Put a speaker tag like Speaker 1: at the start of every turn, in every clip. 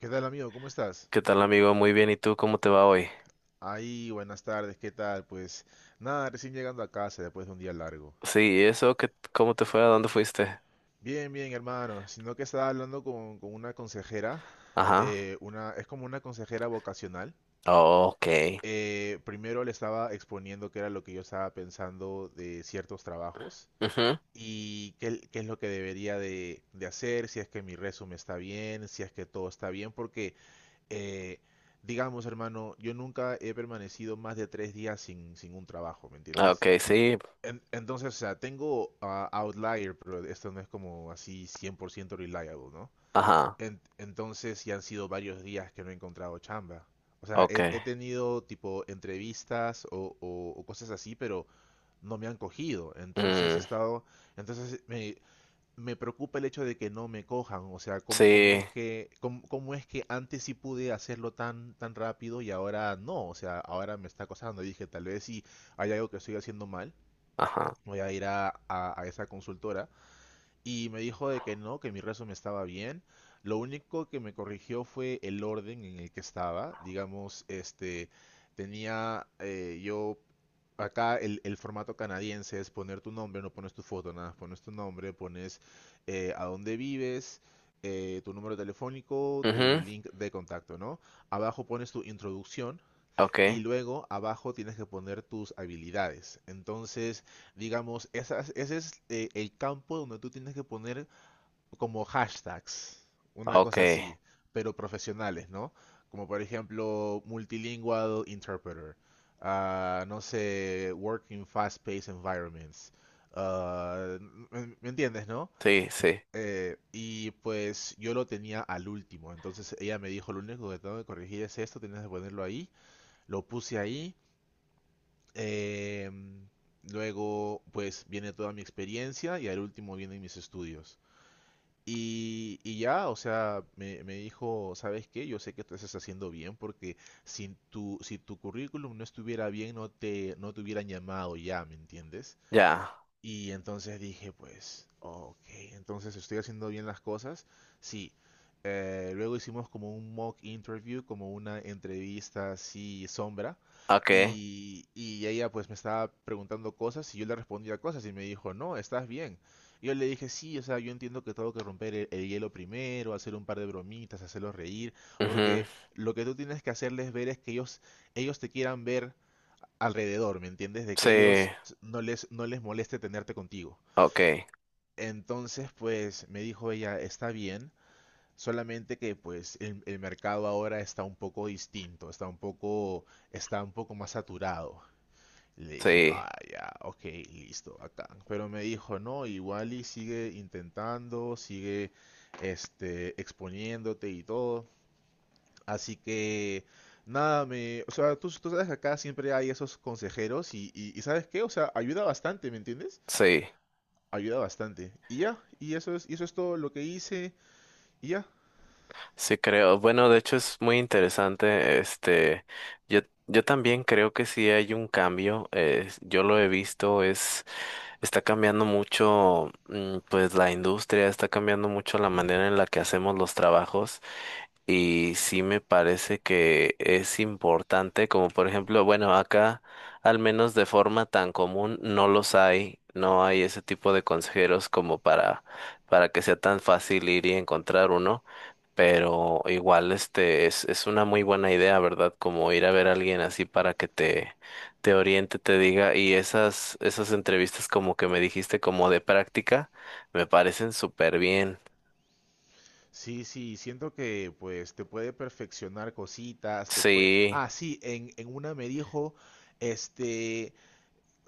Speaker 1: ¿Qué tal, amigo? ¿Cómo estás?
Speaker 2: ¿Qué tal, amigo? Muy bien. ¿Y tú cómo te va hoy?
Speaker 1: Ahí, buenas tardes, ¿qué tal? Pues nada, recién llegando a casa después de un día largo.
Speaker 2: Sí, ¿y eso? ¿Qué, cómo te fue? ¿A dónde fuiste?
Speaker 1: Bien, bien, hermano. Sino que estaba hablando con una consejera,
Speaker 2: Ajá.
Speaker 1: una, es como una consejera vocacional.
Speaker 2: Oh, ok.
Speaker 1: Primero le estaba exponiendo qué era lo que yo estaba pensando de ciertos trabajos
Speaker 2: Ujú.
Speaker 1: y qué es lo que debería de hacer, si es que mi resumen está bien, si es que todo está bien, porque eh, digamos, hermano, yo nunca he permanecido más de tres días sin un trabajo, ¿me
Speaker 2: Ah,
Speaker 1: entiendes?
Speaker 2: ok, sí.
Speaker 1: Entonces, o sea, tengo outlier, pero esto no es como así 100% reliable, ¿no?
Speaker 2: Ajá.
Speaker 1: Entonces, ya han sido varios días que no he encontrado chamba. O sea,
Speaker 2: Ok.
Speaker 1: he tenido tipo entrevistas o cosas así, pero no me han cogido. Entonces he
Speaker 2: Mm,
Speaker 1: estado, entonces me preocupa el hecho de que no me cojan, o sea, cómo
Speaker 2: sí.
Speaker 1: es que, cómo es que antes sí pude hacerlo tan rápido y ahora no, o sea, ahora me está acosando. Dije, tal vez si hay algo que estoy haciendo mal,
Speaker 2: Ajá.
Speaker 1: voy a ir a esa consultora y me dijo de que no, que mi resumen estaba bien. Lo único que me corrigió fue el orden en el que estaba. Digamos, este, tenía yo acá el formato canadiense es poner tu nombre, no pones tu foto, nada, más pones tu nombre, pones a dónde vives, tu número telefónico, tu
Speaker 2: Mhm.
Speaker 1: link de contacto, ¿no? Abajo pones tu introducción, y
Speaker 2: Ok.
Speaker 1: luego abajo tienes que poner tus habilidades. Entonces, digamos, esas, ese es el campo donde tú tienes que poner como hashtags, una
Speaker 2: Ok.
Speaker 1: cosa así, pero profesionales, ¿no? Como por ejemplo, multilingual interpreter, ah, no sé, working fast-paced environments. ah, ¿Me, me entiendes, no?
Speaker 2: Sí, sí.
Speaker 1: Y pues yo lo tenía al último, entonces ella me dijo, lo único que tengo que corregir es esto, tienes que ponerlo ahí, lo puse ahí, eh, luego, pues viene toda mi experiencia y al último vienen mis estudios. Y ya, o sea, me dijo, ¿sabes qué? Yo sé que tú estás haciendo bien porque si tu currículum no estuviera bien, no te hubieran llamado ya, ¿me entiendes?
Speaker 2: Ya.
Speaker 1: Y entonces dije, pues, ok, entonces estoy haciendo bien las cosas. Sí. Luego hicimos como un mock interview, como una entrevista así sombra.
Speaker 2: Ok.
Speaker 1: Y ella pues me estaba preguntando cosas y yo le respondía cosas y me dijo, no, estás bien. Y yo le dije, sí, o sea, yo entiendo que tengo que romper el hielo primero, hacer un par de bromitas, hacerlos reír,
Speaker 2: Mhm.
Speaker 1: porque lo que tú tienes que hacerles ver es que ellos te quieran ver alrededor, ¿me entiendes? De que
Speaker 2: Sí.
Speaker 1: ellos no les moleste tenerte contigo.
Speaker 2: Ok.
Speaker 1: Entonces, pues me dijo ella, está bien, solamente que pues el mercado ahora está un poco distinto, está un poco más saturado. Le dije,
Speaker 2: Sí.
Speaker 1: ah, ya, ok, listo, acá. Pero me dijo, no, igual y sigue intentando, sigue este, exponiéndote y todo. Así que, nada, me, o sea, tú sabes que acá siempre hay esos consejeros y ¿sabes qué? O sea, ayuda bastante, ¿me entiendes?
Speaker 2: Sí.
Speaker 1: Ayuda bastante. Y ya, y eso es todo lo que hice, y ya.
Speaker 2: Sí, creo. Bueno, de hecho es muy interesante. Yo, yo también creo que sí hay un cambio. Yo lo he visto, está cambiando mucho, pues la industria, está cambiando mucho la manera en la que hacemos los trabajos. Y sí me parece que es importante, como por ejemplo, bueno, acá al menos de forma tan común no los hay, no hay ese tipo de consejeros como para que sea tan fácil ir y encontrar uno, pero igual es una muy buena idea, ¿verdad? Como ir a ver a alguien así para que te oriente, te diga, y esas entrevistas como que me dijiste como de práctica, me parecen súper bien.
Speaker 1: Sí, sí, siento que pues te puede perfeccionar cositas, te puede...
Speaker 2: Sí,
Speaker 1: Ah, sí, en una me dijo, este,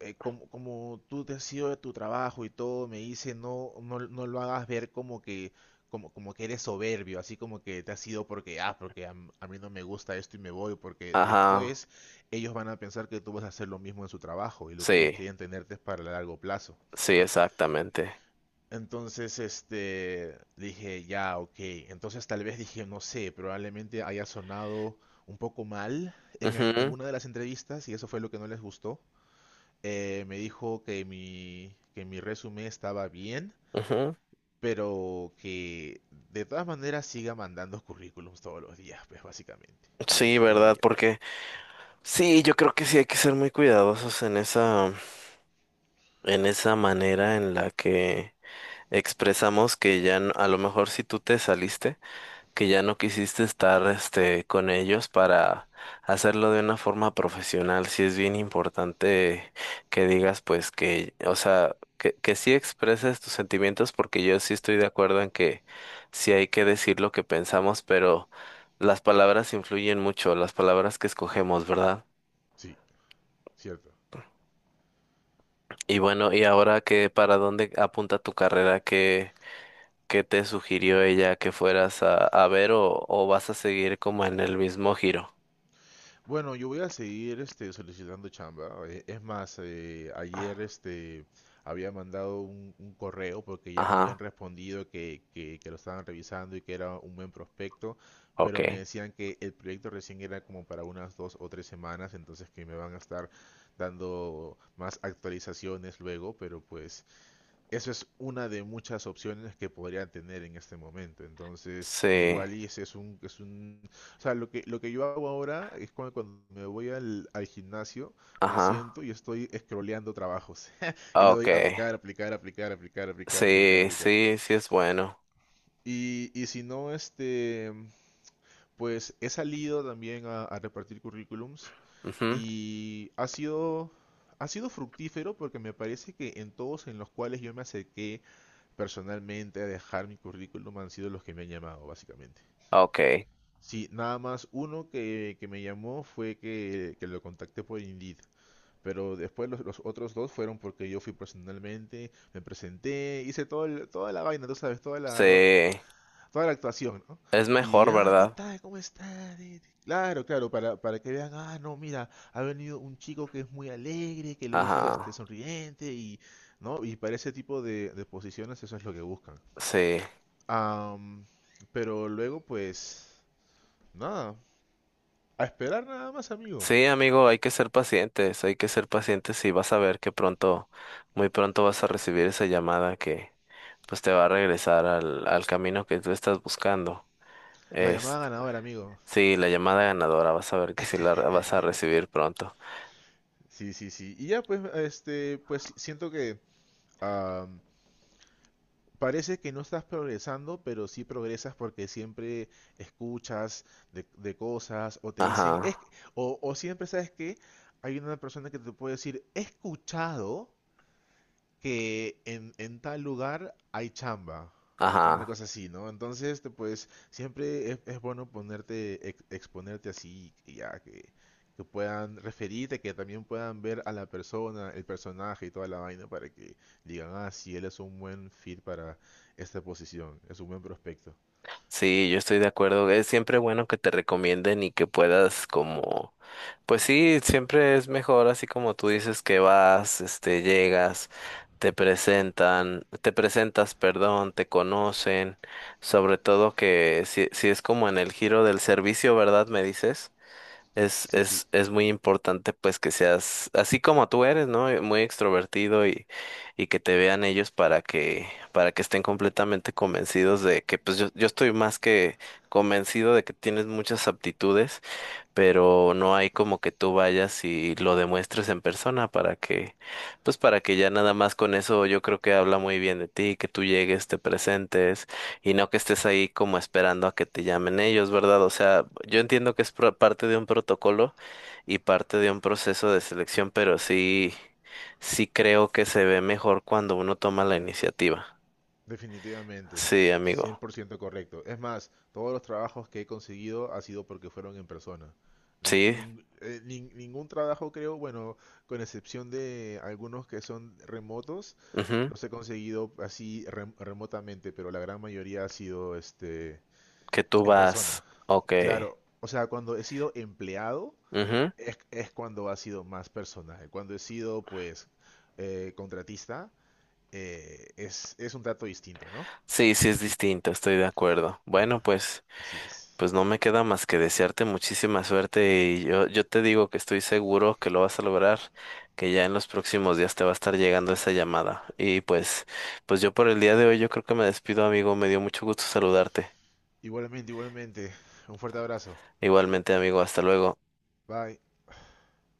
Speaker 1: como, como tú te has ido de tu trabajo y todo, me dice, no, no, no lo hagas ver como que, como que eres soberbio, así como que te has ido porque, ah, porque a, a mí no me gusta esto y me voy, porque
Speaker 2: ajá,
Speaker 1: después ellos van a pensar que tú vas a hacer lo mismo en su trabajo y lo que ellos
Speaker 2: sí,
Speaker 1: quieren tenerte es para el largo plazo.
Speaker 2: sí, exactamente.
Speaker 1: Entonces, este, dije, ya, ok. Entonces tal vez dije, no sé, probablemente haya sonado un poco mal en
Speaker 2: Ujú,
Speaker 1: alguna de las entrevistas y eso fue lo que no les gustó. Me dijo que mi resumen estaba bien,
Speaker 2: ujú.
Speaker 1: pero que de todas maneras siga mandando currículums todos los días, pues básicamente. Le
Speaker 2: Sí,
Speaker 1: dije,
Speaker 2: ¿verdad?
Speaker 1: y
Speaker 2: Porque sí, yo creo que sí hay que ser muy cuidadosos en en esa manera en la que expresamos que ya no- a lo mejor si tú te saliste, que ya no quisiste estar con ellos para hacerlo de una forma profesional. Sí es bien importante que digas pues o sea, que sí expreses tus sentimientos, porque yo sí estoy de acuerdo en que sí hay que decir lo que pensamos, pero las palabras influyen mucho, las palabras que escogemos, ¿verdad?
Speaker 1: sí, cierto.
Speaker 2: Y bueno, y ahora que para dónde apunta tu carrera, qué te sugirió ella que fueras a ver, o vas a seguir como en el mismo giro.
Speaker 1: Bueno, yo voy a seguir este, solicitando chamba. Es más, ayer este, había mandado un correo porque ya me habían
Speaker 2: Ajá.
Speaker 1: respondido que lo estaban revisando y que era un buen prospecto,
Speaker 2: Ok,
Speaker 1: pero me decían que el proyecto recién era como para unas dos o tres semanas, entonces que me van a estar dando más actualizaciones luego, pero pues eso es una de muchas opciones que podrían tener en este momento. Entonces,
Speaker 2: sí,
Speaker 1: igual y ese es un, o sea, lo que yo hago ahora es cuando me voy al gimnasio, me
Speaker 2: ajá,
Speaker 1: siento y estoy scrolleando trabajos. Y le
Speaker 2: ok,
Speaker 1: doy aplicar, aplicar, aplicar, aplicar, aplicar, aplicar,
Speaker 2: sí,
Speaker 1: aplicar.
Speaker 2: sí, sí es bueno,
Speaker 1: Y si no, este, pues he salido también a repartir currículums
Speaker 2: mhm,
Speaker 1: y ha sido fructífero porque me parece que en todos en los cuales yo me acerqué personalmente a dejar mi currículum han sido los que me han llamado, básicamente.
Speaker 2: ok,
Speaker 1: Sí, nada más uno que me llamó fue que lo contacté por Indeed. Pero después los otros dos fueron porque yo fui personalmente, me presenté, hice toda la vaina, tú sabes,
Speaker 2: sí,
Speaker 1: toda la actuación, ¿no?
Speaker 2: es
Speaker 1: Y,
Speaker 2: mejor,
Speaker 1: ah, ¿qué
Speaker 2: ¿verdad?
Speaker 1: tal? ¿Cómo estás? Y claro, claro, para que vean, ah, no, mira, ha venido un chico que es muy alegre, que lo hizo
Speaker 2: Ajá,
Speaker 1: este, sonriente y, ¿no? Y para ese tipo de posiciones eso es lo que buscan.
Speaker 2: sí,
Speaker 1: Am, pero luego, pues, nada, a esperar nada más, amigo.
Speaker 2: sí, amigo, hay que ser pacientes, hay que ser pacientes y vas a ver que pronto, muy pronto vas a recibir esa llamada que pues te va a regresar al, al camino que tú estás buscando.
Speaker 1: La
Speaker 2: Es,
Speaker 1: llamada ganadora, amigo.
Speaker 2: sí, la llamada ganadora, vas a ver que sí la re- vas a recibir pronto.
Speaker 1: Sí, sí, sí. Y ya, pues, este, pues siento que am, parece que no estás progresando, pero sí progresas porque siempre escuchas de cosas o te dicen,
Speaker 2: Ajá,
Speaker 1: es, o siempre sabes que hay una persona que te puede decir, he escuchado que en tal lugar hay chamba, o una
Speaker 2: ajá.
Speaker 1: cosa así, ¿no? Entonces, te, pues, siempre es bueno ponerte, exponerte así, que puedan referirte, que también puedan ver a la persona, el personaje y toda la vaina para que digan, ah, sí, él es un buen fit para esta posición, es un buen prospecto.
Speaker 2: Sí, yo estoy de acuerdo. Es siempre bueno que te recomienden y que puedas como, pues sí, siempre es mejor así como tú dices que vas, este, llegas, te presentan, te presentas, perdón, te conocen, sobre todo que si, si es como en el giro del servicio, ¿verdad? Me dices.
Speaker 1: Sí, sí,
Speaker 2: Es muy importante pues que seas así como tú eres, ¿no? Muy extrovertido y que te vean ellos para que estén completamente convencidos de que pues yo estoy más que convencido de que tienes muchas aptitudes, pero no hay como que tú vayas y lo demuestres en persona para que, pues para que ya nada más con eso yo creo que habla muy bien de ti, que tú llegues, te presentes y no que estés ahí como esperando a que te llamen ellos, ¿verdad? O sea, yo entiendo que es pro- parte de un protocolo y parte de un proceso de selección, pero sí, sí creo que se ve mejor cuando uno toma la iniciativa.
Speaker 1: definitivamente,
Speaker 2: Sí,
Speaker 1: cien
Speaker 2: amigo.
Speaker 1: por ciento correcto. Es más, todos los trabajos que he conseguido ha sido porque fueron en persona.
Speaker 2: Sí.
Speaker 1: Ningún trabajo creo, bueno, con excepción de algunos que son remotos,
Speaker 2: Ujú.
Speaker 1: los he conseguido así remotamente, pero la gran mayoría ha sido este
Speaker 2: Que tú
Speaker 1: en
Speaker 2: vas.
Speaker 1: persona.
Speaker 2: Ok.
Speaker 1: Claro, o sea, cuando he sido empleado es cuando ha sido más personal. Cuando he sido pues contratista es un trato distinto, ¿no?
Speaker 2: Sí, sí es distinto, estoy de acuerdo. Bueno, pues,
Speaker 1: Así es.
Speaker 2: pues no me queda más que desearte muchísima suerte y yo te digo que estoy seguro que lo vas a lograr, que ya en los próximos días te va a estar llegando esa llamada. Y pues, pues yo por el día de hoy yo creo que me despido, amigo, me dio mucho gusto saludarte.
Speaker 1: Igualmente, igualmente. Un fuerte abrazo.
Speaker 2: Igualmente, amigo, hasta luego.
Speaker 1: Bye.